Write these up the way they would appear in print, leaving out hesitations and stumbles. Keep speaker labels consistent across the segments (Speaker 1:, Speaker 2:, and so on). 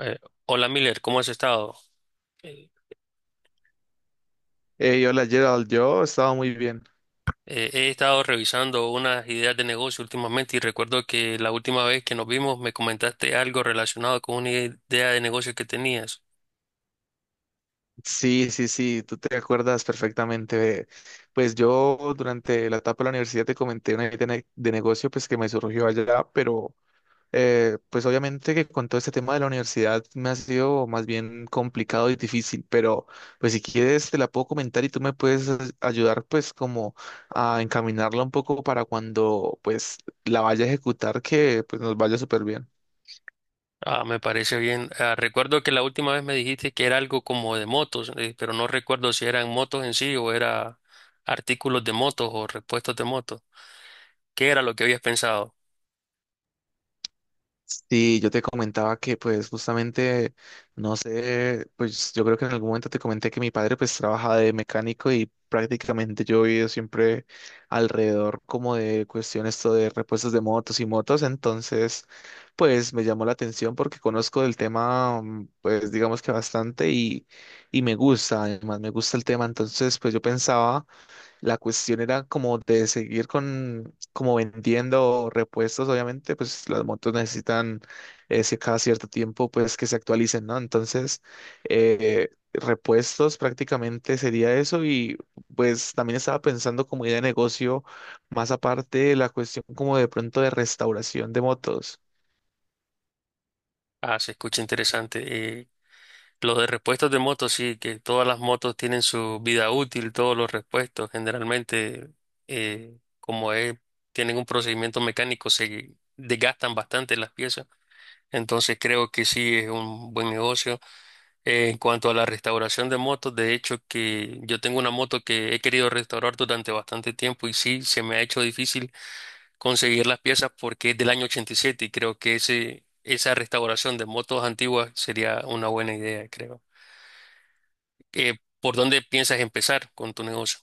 Speaker 1: Eh, Hola Miller, ¿cómo has estado? Eh,
Speaker 2: Hey, hola Gerald, yo estaba muy bien.
Speaker 1: He estado revisando unas ideas de negocio últimamente y recuerdo que la última vez que nos vimos me comentaste algo relacionado con una idea de negocio que tenías.
Speaker 2: Sí, sí, sí, tú te acuerdas perfectamente de- pues yo durante la etapa de la universidad te comenté una idea de, ne- de negocio pues que me surgió allá, pero pues obviamente que con todo este tema de la universidad me ha sido más bien complicado y difícil, pero pues si quieres te la puedo comentar y tú me puedes as- ayudar pues como a encaminarla un poco para cuando pues la vaya a ejecutar que pues nos vaya súper bien.
Speaker 1: Ah, me parece bien. Ah, recuerdo que la última vez me dijiste que era algo como de motos, pero no recuerdo si eran motos en sí o era artículos de motos o repuestos de motos. ¿Qué era lo que habías pensado?
Speaker 2: Sí, yo te comentaba que pues justamente, no sé, pues yo creo que en algún momento te comenté que mi padre pues trabaja de mecánico y prácticamente yo he vivido siempre alrededor como de cuestiones esto de repuestos de motos y motos, entonces pues me llamó la atención porque conozco del tema pues digamos que bastante y me gusta, además me gusta el tema, entonces pues yo pensaba la cuestión era como de seguir con, como vendiendo repuestos, obviamente, pues las motos necesitan ese cada cierto tiempo, pues que se actualicen, ¿no? Entonces, repuestos prácticamente sería eso y pues también estaba pensando como idea de negocio, más aparte de la cuestión como de pronto de restauración de motos.
Speaker 1: Ah, se escucha interesante. Los de repuestos de motos, sí, que todas las motos tienen su vida útil, todos los repuestos generalmente, eh, como es, tienen un procedimiento mecánico, se desgastan bastante las piezas. Entonces creo que sí es un buen negocio. En cuanto a la restauración de motos, de hecho que yo tengo una moto que he querido restaurar durante bastante tiempo y sí, se me ha hecho difícil conseguir las piezas porque es del año 87 y creo que esa restauración de motos antiguas sería una buena idea, creo. eh, ¿Por dónde piensas empezar con tu negocio?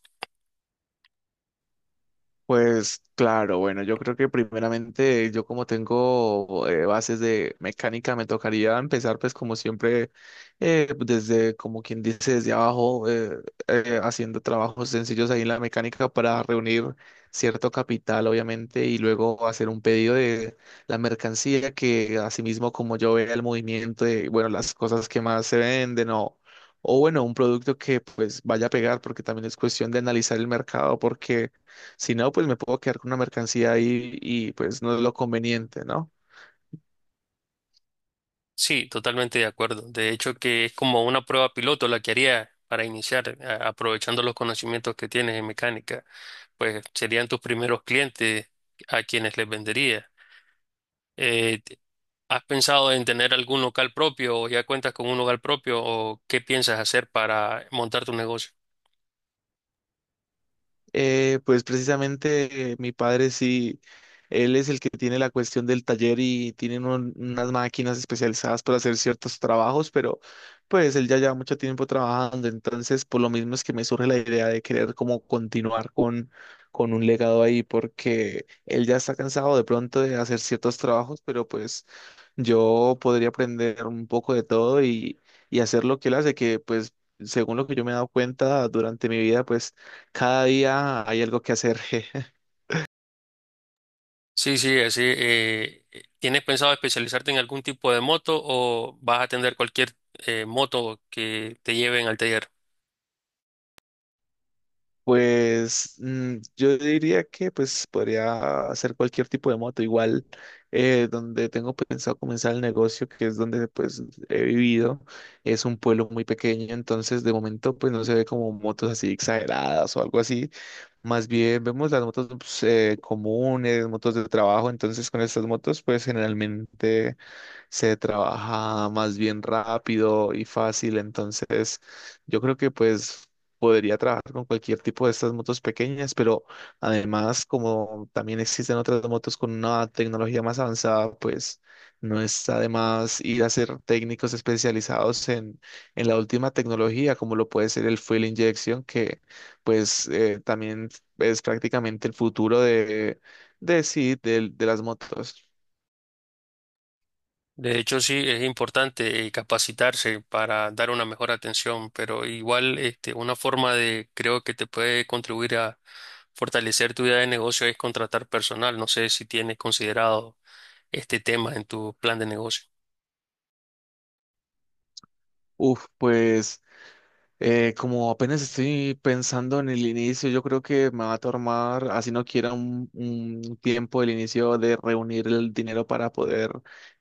Speaker 2: Pues claro, bueno, yo creo que primeramente yo como tengo bases de mecánica me tocaría empezar pues como siempre desde como quien dice desde abajo haciendo trabajos sencillos ahí en la mecánica para reunir cierto capital obviamente y luego hacer un pedido de la mercancía que asimismo como yo vea el movimiento de bueno las cosas que más se venden o bueno un producto que pues vaya a pegar porque también es cuestión de analizar el mercado porque si no, pues me puedo quedar con una mercancía ahí y pues no es lo conveniente, ¿no?
Speaker 1: Sí, totalmente de acuerdo. De hecho, que es como una prueba piloto la que haría para iniciar, aprovechando los conocimientos que tienes en mecánica. Pues serían tus primeros clientes a quienes les vendería. Eh, t- ¿Has pensado en tener algún local propio o ya cuentas con un local propio o qué piensas hacer para montar tu negocio?
Speaker 2: Pues precisamente mi padre sí, él es el que tiene la cuestión del taller y tienen un- unas máquinas especializadas para hacer ciertos trabajos, pero pues él ya lleva mucho tiempo trabajando, entonces por lo mismo es que me surge la idea de querer como continuar con un legado ahí, porque él ya está cansado de pronto de hacer ciertos trabajos, pero pues yo podría aprender un poco de todo y hacer lo que él hace, que pues según lo que yo me he dado cuenta durante mi vida, pues cada día hay algo que hacer.
Speaker 1: Sí, sí, así. ¿Tienes pensado especializarte en algún tipo de moto o vas a atender cualquier moto que te lleven al taller?
Speaker 2: Pues yo diría que pues podría hacer cualquier tipo de moto, igual donde tengo pensado comenzar el negocio, que es donde pues he vivido, es un pueblo muy pequeño, entonces de momento pues no se ve como motos así exageradas o algo así. Más bien vemos las motos pues, comunes, motos de trabajo, entonces con estas motos pues generalmente se trabaja más bien rápido y fácil, entonces yo creo que pues podría trabajar con cualquier tipo de estas motos pequeñas, pero además como también existen otras motos con una tecnología más avanzada, pues no está de más ir a ser técnicos especializados en la última tecnología, como lo puede ser el fuel injection, que pues también es prácticamente el futuro de sí, del- de las motos.
Speaker 1: De hecho, sí, es importante capacitarse para dar una mejor atención, pero igual este, una forma de, creo que te puede contribuir a fortalecer tu idea de negocio es contratar personal. No sé si tienes considerado este tema en tu plan de negocio.
Speaker 2: Uf, pues como apenas estoy pensando en el inicio, yo creo que me va a tomar, así no quiera, un tiempo el inicio de reunir el dinero para poder,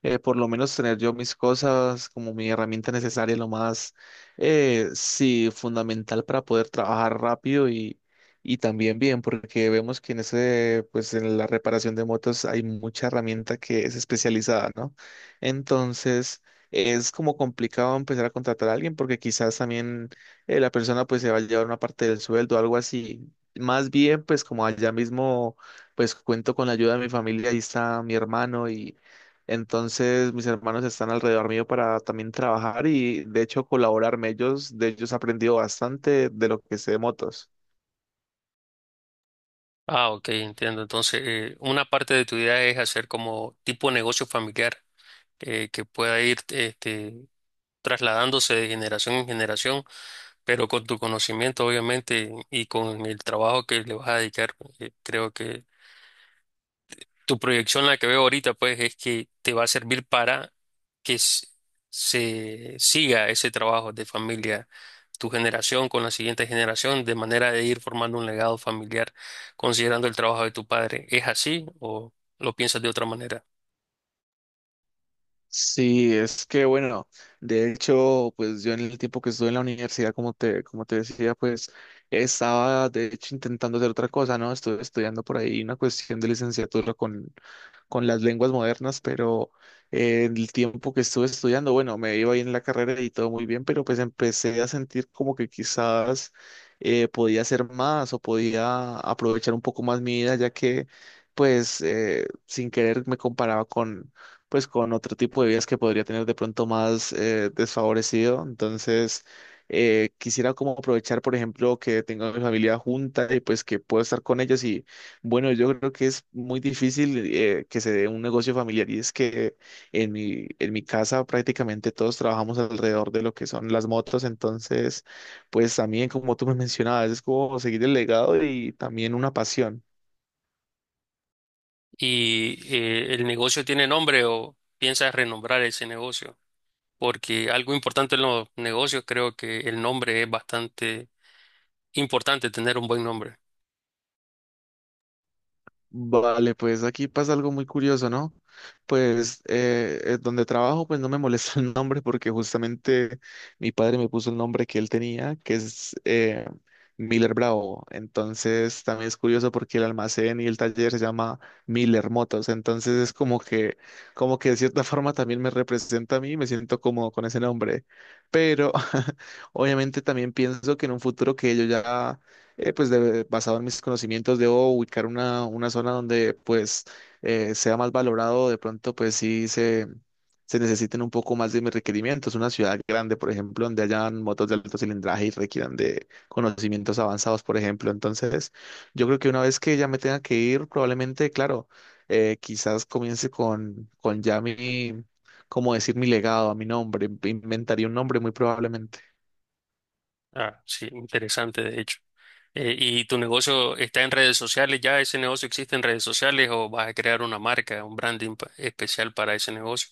Speaker 2: por lo menos tener yo mis cosas como mi herramienta necesaria, lo más, sí, fundamental para poder trabajar rápido y también bien, porque vemos que en ese, pues en la reparación de motos hay mucha herramienta que es especializada, ¿no? Entonces es como complicado empezar a contratar a alguien porque quizás también la persona pues se va a llevar una parte del sueldo, algo así. Más bien, pues como allá mismo, pues cuento con la ayuda de mi familia, ahí está mi hermano y entonces mis hermanos están alrededor mío para también trabajar y de hecho colaborarme ellos, de ellos he aprendido bastante de lo que sé de motos.
Speaker 1: Ah, ok, entiendo. Entonces, una parte de tu idea es hacer como tipo negocio familiar que pueda ir trasladándose de generación en generación, pero con tu conocimiento, obviamente, y con el trabajo que le vas a dedicar, creo que tu proyección, la que veo ahorita, pues, es que te va a servir para que s- se siga ese trabajo de familia. Tu generación con la siguiente generación de manera de ir formando un legado familiar considerando el trabajo de tu padre. ¿Es así o lo piensas de otra manera?
Speaker 2: Sí, es que bueno, de hecho, pues yo en el tiempo que estuve en la universidad, como te decía, pues estaba de hecho intentando hacer otra cosa, ¿no? Estuve estudiando por ahí una cuestión de licenciatura con las lenguas modernas, pero el tiempo que estuve estudiando, bueno, me iba bien en la carrera y todo muy bien, pero pues empecé a sentir como que quizás podía hacer más o podía aprovechar un poco más mi vida, ya que pues sin querer me comparaba con pues con otro tipo de vidas que podría tener de pronto más desfavorecido. Entonces, quisiera como aprovechar, por ejemplo, que tengo a mi familia junta y pues que puedo estar con ellos y bueno, yo creo que es muy difícil que se dé un negocio familiar y es que en mi casa prácticamente todos trabajamos alrededor de lo que son las motos, entonces, pues también como tú me mencionabas, es como seguir el legado y también una pasión.
Speaker 1: Y el negocio tiene nombre o piensas renombrar ese negocio, porque algo importante en los negocios creo que el nombre es bastante importante, tener un buen nombre.
Speaker 2: Vale, pues aquí pasa algo muy curioso, ¿no? Pues donde trabajo, pues no me molesta el nombre porque justamente mi padre me puso el nombre que él tenía, que es Miller Bravo. Entonces también es curioso porque el almacén y el taller se llama Miller Motos. Entonces es como que de cierta forma también me representa a mí, me siento cómodo con ese nombre. Pero obviamente también pienso que en un futuro que yo ya pues de- basado en mis conocimientos, debo ubicar una zona donde pues sea más valorado, de pronto pues sí se necesiten un poco más de mis requerimientos, una ciudad grande, por ejemplo, donde hayan motos de alto cilindraje y requieran de conocimientos avanzados, por ejemplo. Entonces, yo creo que una vez que ya me tenga que ir, probablemente, claro, quizás comience con ya mi, como decir, mi legado, a mi nombre, inventaría un nombre muy probablemente.
Speaker 1: Ah, sí, interesante de hecho. ¿Y tu negocio está en redes sociales? ¿Ya ese negocio existe en redes sociales o vas a crear una marca, un branding especial para ese negocio?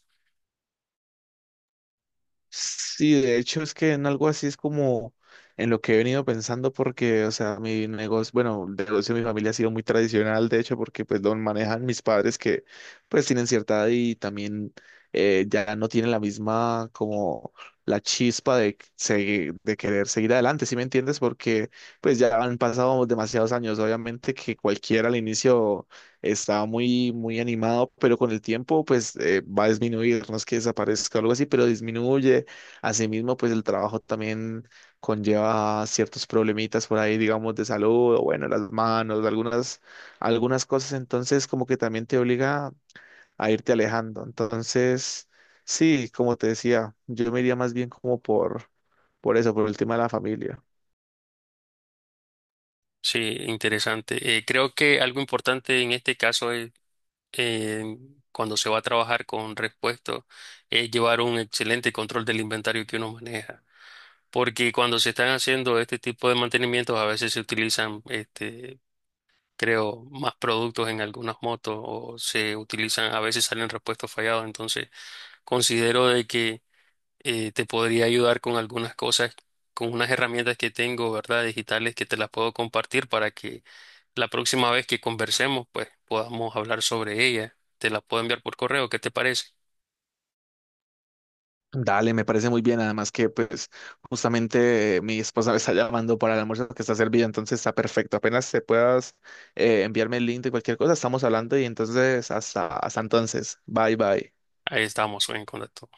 Speaker 2: Sí, de hecho es que en algo así es como en lo que he venido pensando porque, o sea, mi negocio, bueno, el negocio de mi familia ha sido muy tradicional, de hecho, porque pues lo manejan mis padres que pues tienen cierta edad y también ya no tienen la misma como la chispa de, seguir- de querer seguir adelante, ¿sí me entiendes? Porque pues ya han pasado demasiados años, obviamente que cualquiera al inicio estaba muy, muy animado, pero con el tiempo pues va a disminuir, no es que desaparezca o algo así, pero disminuye. Asimismo, pues el trabajo también conlleva ciertos problemitas por ahí, digamos, de salud, o bueno, las manos, algunas, algunas cosas, entonces como que también te obliga a irte alejando. Entonces, sí, como te decía, yo me iría más bien como por eso, por el tema de la familia.
Speaker 1: Sí, interesante. Creo que algo importante en este caso es eh, cuando se va a trabajar con repuestos es llevar un excelente control del inventario que uno maneja. Porque cuando se están haciendo este tipo de mantenimientos, a veces se utilizan, este, creo, más productos en algunas motos o se utilizan, a veces salen repuestos fallados. Entonces, considero de que te podría ayudar con algunas cosas, con unas herramientas que tengo, ¿verdad? Digitales que te las puedo compartir para que la próxima vez que conversemos, pues podamos hablar sobre ella. Te la puedo enviar por correo, ¿qué te parece?
Speaker 2: Dale, me parece muy bien. Además que, pues, justamente mi esposa me está llamando para el almuerzo que está servido, entonces está perfecto. Apenas te puedas enviarme el link de cualquier cosa, estamos hablando y entonces hasta, hasta entonces. Bye, bye.
Speaker 1: Ahí estamos en contacto.